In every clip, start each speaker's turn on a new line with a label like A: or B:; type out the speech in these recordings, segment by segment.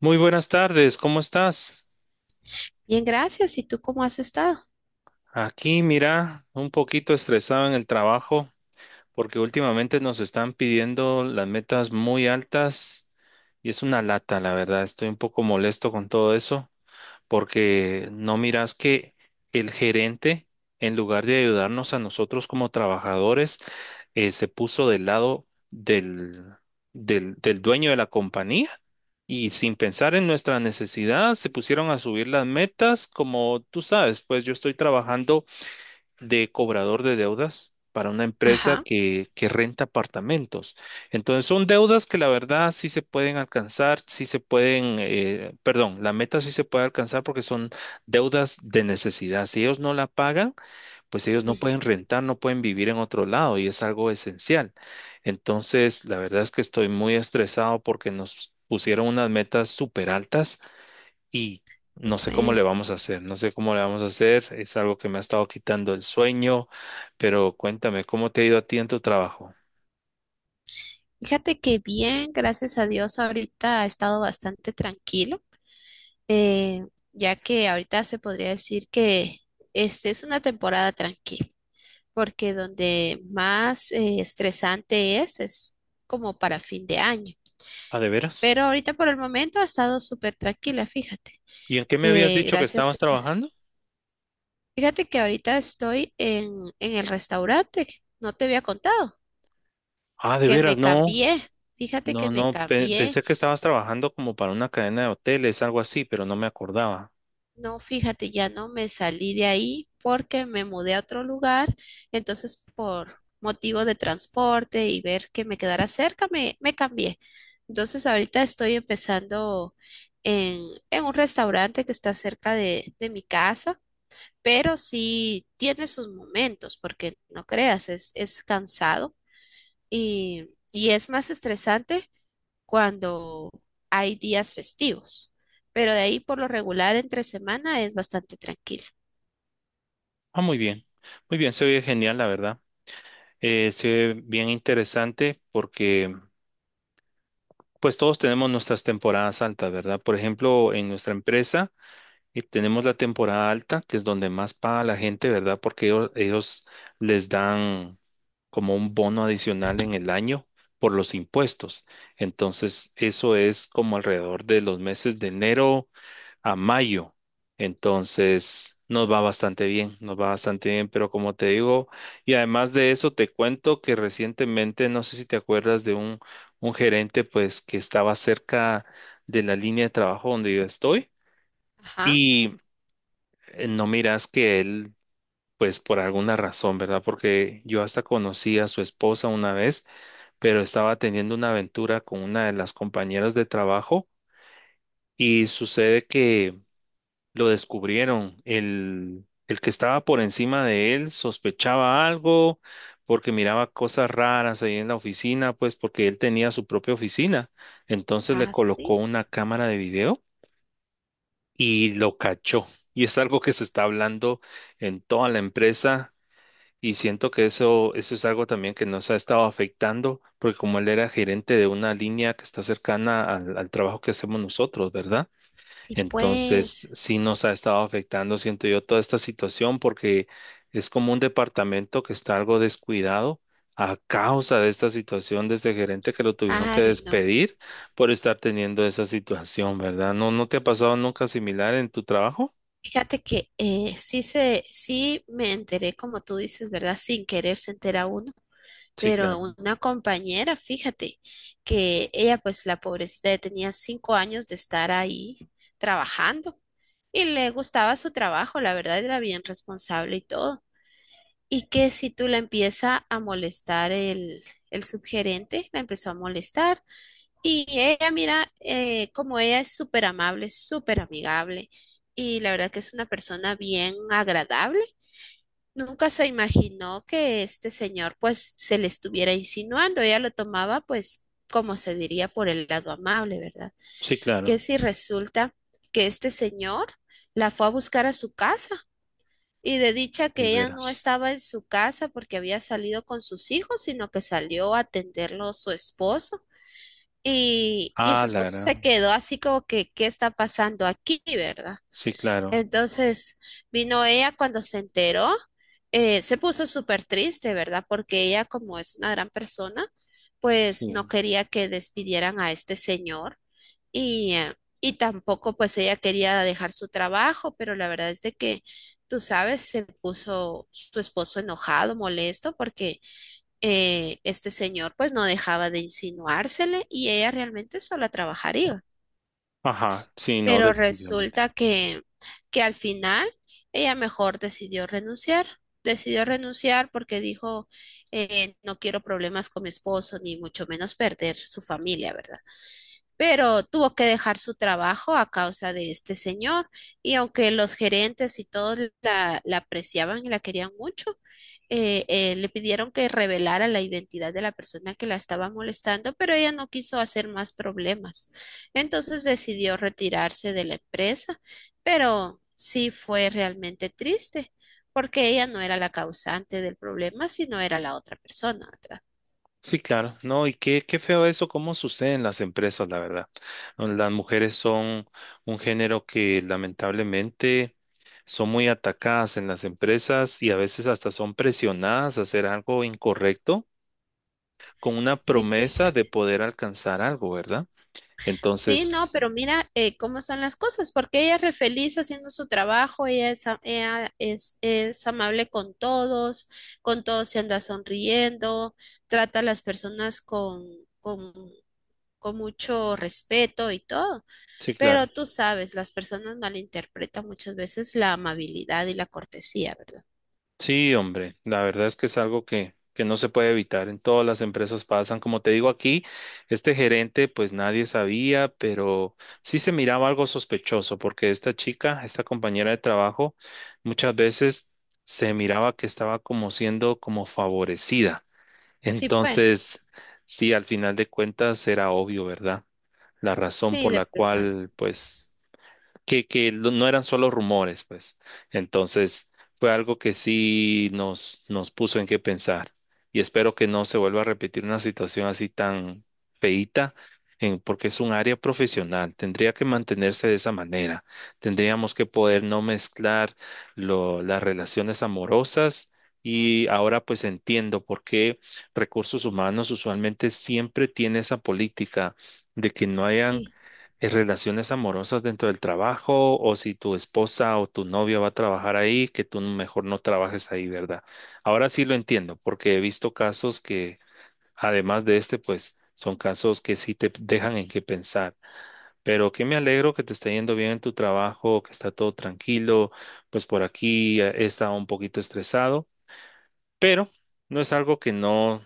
A: Muy buenas tardes, ¿cómo estás?
B: Bien, gracias. ¿Y tú cómo has estado?
A: Aquí, mira, un poquito estresado en el trabajo porque últimamente nos están pidiendo las metas muy altas y es una lata, la verdad. Estoy un poco molesto con todo eso, porque no miras que el gerente, en lugar de ayudarnos a nosotros como trabajadores, se puso del lado del dueño de la compañía y, sin pensar en nuestra necesidad, se pusieron a subir las metas. Como tú sabes, pues yo estoy trabajando de cobrador de deudas para una empresa
B: Ajá.
A: que renta apartamentos. Entonces son deudas que, la verdad, sí se pueden alcanzar, sí se pueden, perdón, la meta sí se puede alcanzar, porque son deudas de necesidad. Si ellos no la pagan, pues ellos no
B: Ujú.
A: pueden rentar, no pueden vivir en otro lado, y es algo esencial. Entonces, la verdad es que estoy muy estresado porque nos pusieron unas metas súper altas y
B: Y
A: no sé cómo le
B: pues,
A: vamos a hacer, no sé cómo le vamos a hacer, es algo que me ha estado quitando el sueño, pero cuéntame, ¿cómo te ha ido a ti en tu trabajo?
B: fíjate que bien, gracias a Dios, ahorita ha estado bastante tranquilo, eh, ya que ahorita se podría decir que es una temporada tranquila, porque donde más estresante es como para fin de año.
A: Ah, ¿de veras?
B: Pero ahorita por el momento ha estado súper tranquila, fíjate.
A: ¿Y en qué me habías dicho que
B: Gracias.
A: estabas trabajando?
B: Fíjate que ahorita estoy en el restaurante, no te había contado.
A: Ah, ¿de
B: Que
A: veras?
B: me
A: No,
B: cambié. Fíjate
A: no,
B: que me
A: no,
B: cambié,
A: pensé que estabas trabajando como para una cadena de hoteles, algo así, pero no me acordaba.
B: no, fíjate, ya no me salí de ahí porque me mudé a otro lugar, entonces por motivo de transporte y ver que me quedara cerca, me cambié. Entonces ahorita estoy empezando en, en un restaurante que está cerca de mi casa, pero sí tiene sus momentos, porque no creas, es cansado y es más estresante cuando hay días festivos, pero de ahí por lo regular entre semana es bastante tranquilo.
A: Ah, muy bien, se oye genial, la verdad. Se oye bien interesante, porque pues todos tenemos nuestras temporadas altas, ¿verdad? Por ejemplo, en nuestra empresa. Y tenemos la temporada alta, que es donde más paga la gente, ¿verdad? Porque ellos les dan como un bono adicional en el año por los impuestos. Entonces, eso es como alrededor de los meses de enero a mayo. Entonces, nos va bastante bien, nos va bastante bien, pero como te digo, y además de eso, te cuento que recientemente, no sé si te acuerdas de un gerente, pues, que estaba cerca de la línea de trabajo donde yo estoy.
B: Ajá.
A: Y no miras que él, pues por alguna razón, ¿verdad? Porque yo hasta conocí a su esposa una vez, pero estaba teniendo una aventura con una de las compañeras de trabajo, y sucede que lo descubrieron. El que estaba por encima de él sospechaba algo porque miraba cosas raras ahí en la oficina, pues porque él tenía su propia oficina. Entonces le colocó
B: Así.
A: una cámara de video y lo cachó. Y es algo que se está hablando en toda la empresa. Y siento que eso es algo también que nos ha estado afectando, porque como él era gerente de una línea que está cercana al trabajo que hacemos nosotros, ¿verdad?
B: Sí, sí
A: Entonces,
B: pues.
A: sí nos ha estado afectando, siento yo, toda esta situación, porque es como un departamento que está algo descuidado a causa de esta situación de este gerente que lo tuvieron que
B: Ay, no.
A: despedir por estar teniendo esa situación, ¿verdad? ¿No, no te ha pasado nunca similar en tu trabajo?
B: Fíjate que sí me enteré, como tú dices, ¿verdad? Sin querer se entera uno,
A: Sí,
B: pero
A: claro.
B: una compañera, fíjate, que ella, pues la pobrecita, ya tenía 5 años de estar ahí trabajando y le gustaba su trabajo, la verdad era bien responsable y todo. Y que si tú la empieza a molestar el subgerente, la empezó a molestar. Y ella, mira, como ella es súper amable, súper amigable, y la verdad que es una persona bien agradable. Nunca se imaginó que este señor pues se le estuviera insinuando. Ella lo tomaba pues como se diría por el lado amable, ¿verdad?
A: Sí, claro.
B: Que si resulta que este señor la fue a buscar a su casa y de dicha
A: De
B: que ella no
A: veras.
B: estaba en su casa porque había salido con sus hijos, sino que salió a atenderlo su esposo. Y su
A: Ah, la
B: esposo se
A: gran.
B: quedó así como que, ¿qué está pasando aquí, verdad?
A: Sí, claro.
B: Entonces vino ella cuando se enteró, se puso súper triste, ¿verdad? Porque ella, como es una gran persona, pues no
A: Sí.
B: quería que despidieran a este señor. Y, eh, y tampoco pues ella quería dejar su trabajo, pero la verdad es de que, tú sabes, se puso su esposo enojado, molesto, porque este señor pues no dejaba de insinuársele y ella realmente sola trabajaría.
A: Ajá, sí, no,
B: Pero
A: definitivamente.
B: resulta que al final ella mejor decidió renunciar. Decidió renunciar porque dijo, no quiero problemas con mi esposo, ni mucho menos perder su familia, ¿verdad? Pero tuvo que dejar su trabajo a causa de este señor y aunque los gerentes y todos la apreciaban y la querían mucho, le pidieron que revelara la identidad de la persona que la estaba molestando, pero ella no quiso hacer más problemas. Entonces decidió retirarse de la empresa, pero sí fue realmente triste porque ella no era la causante del problema, sino era la otra persona, ¿verdad?
A: Sí, claro. No, y qué, qué feo eso, cómo sucede en las empresas, la verdad. No, las mujeres son un género que, lamentablemente, son muy atacadas en las empresas y a veces hasta son presionadas a hacer algo incorrecto con una
B: Sí,
A: promesa de
B: fíjate.
A: poder alcanzar algo, ¿verdad?
B: Sí, no,
A: Entonces,
B: pero mira cómo son las cosas, porque ella es re feliz haciendo su trabajo, ella es amable con todos se anda sonriendo, trata a las personas con, con mucho respeto y todo,
A: sí,
B: pero
A: claro.
B: tú sabes, las personas malinterpretan muchas veces la amabilidad y la cortesía, ¿verdad?
A: Sí, hombre, la verdad es que es algo que no se puede evitar. En todas las empresas pasan. Como te digo, aquí, este gerente, pues nadie sabía, pero sí se miraba algo sospechoso, porque esta chica, esta compañera de trabajo, muchas veces se miraba que estaba como siendo como favorecida.
B: Sí, pues.
A: Entonces, sí, al final de cuentas era obvio, ¿verdad? La razón
B: Sí,
A: por
B: de
A: la
B: plano.
A: cual, pues que, no eran solo rumores, pues. Entonces, fue algo que sí nos puso en qué pensar. Y espero que no se vuelva a repetir una situación así tan feíta, en, porque es un área profesional. Tendría que mantenerse de esa manera. Tendríamos que poder no mezclar las relaciones amorosas. Y ahora pues entiendo por qué recursos humanos usualmente siempre tiene esa política de que no hayan
B: Sí.
A: relaciones amorosas dentro del trabajo, o si tu esposa o tu novia va a trabajar ahí, que tú mejor no trabajes ahí, ¿verdad? Ahora sí lo entiendo, porque he visto casos que, además de este, pues son casos que sí te dejan en qué pensar. Pero que me alegro que te está yendo bien en tu trabajo, que está todo tranquilo. Pues por aquí he estado un poquito estresado, pero no es algo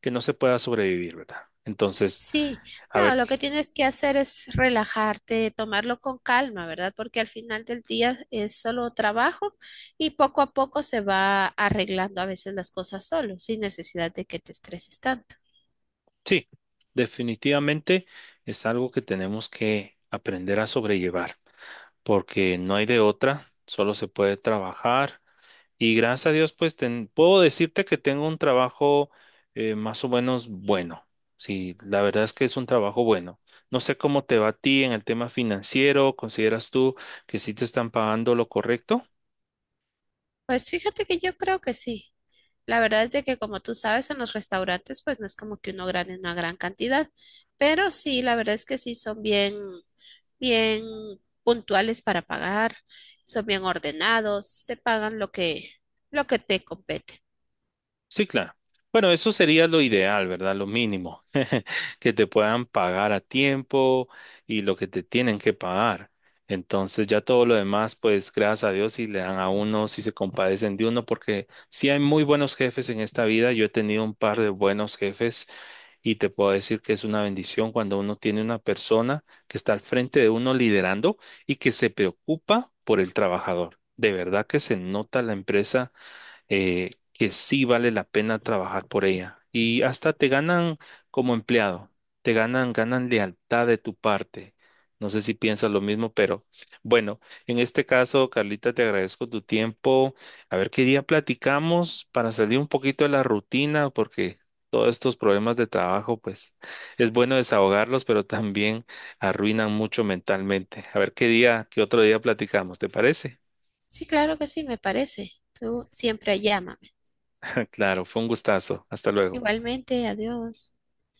A: que no se pueda sobrevivir, ¿verdad? Entonces,
B: Sí,
A: a
B: no,
A: ver.
B: lo que tienes que hacer es relajarte, tomarlo con calma, ¿verdad? Porque al final del día es solo trabajo y poco a poco se va arreglando a veces las cosas solo, sin necesidad de que te estreses tanto.
A: Sí, definitivamente es algo que tenemos que aprender a sobrellevar, porque no hay de otra, solo se puede trabajar, y gracias a Dios, pues puedo decirte que tengo un trabajo más o menos bueno. Sí, la verdad es que es un trabajo bueno. No sé cómo te va a ti en el tema financiero, ¿consideras tú que sí te están pagando lo correcto?
B: Pues fíjate que yo creo que sí. La verdad es de que como tú sabes, en los restaurantes pues no es como que uno gane una gran cantidad, pero sí, la verdad es que sí son bien. Bien puntuales para pagar, son bien ordenados, te pagan lo lo que te compete.
A: Sí, claro. Bueno, eso sería lo ideal, ¿verdad? Lo mínimo, que te puedan pagar a tiempo y lo que te tienen que pagar. Entonces ya todo lo demás, pues gracias a Dios si le dan a uno, si se compadecen de uno, porque sí hay muy buenos jefes en esta vida. Yo he tenido un par de buenos jefes y te puedo decir que es una bendición cuando uno tiene una persona que está al frente de uno liderando y que se preocupa por el trabajador. De verdad que se nota la empresa, que sí vale la pena trabajar por ella. Y hasta te ganan como empleado, te ganan, ganan lealtad de tu parte. No sé si piensas lo mismo, pero bueno, en este caso, Carlita, te agradezco tu tiempo. A ver qué día platicamos para salir un poquito de la rutina, porque todos estos problemas de trabajo, pues es bueno desahogarlos, pero también arruinan mucho mentalmente. A ver qué día, qué otro día platicamos, ¿te parece?
B: Sí, claro que sí, me parece. Tú siempre llámame.
A: Claro, fue un gustazo. Hasta luego.
B: Igualmente, adiós.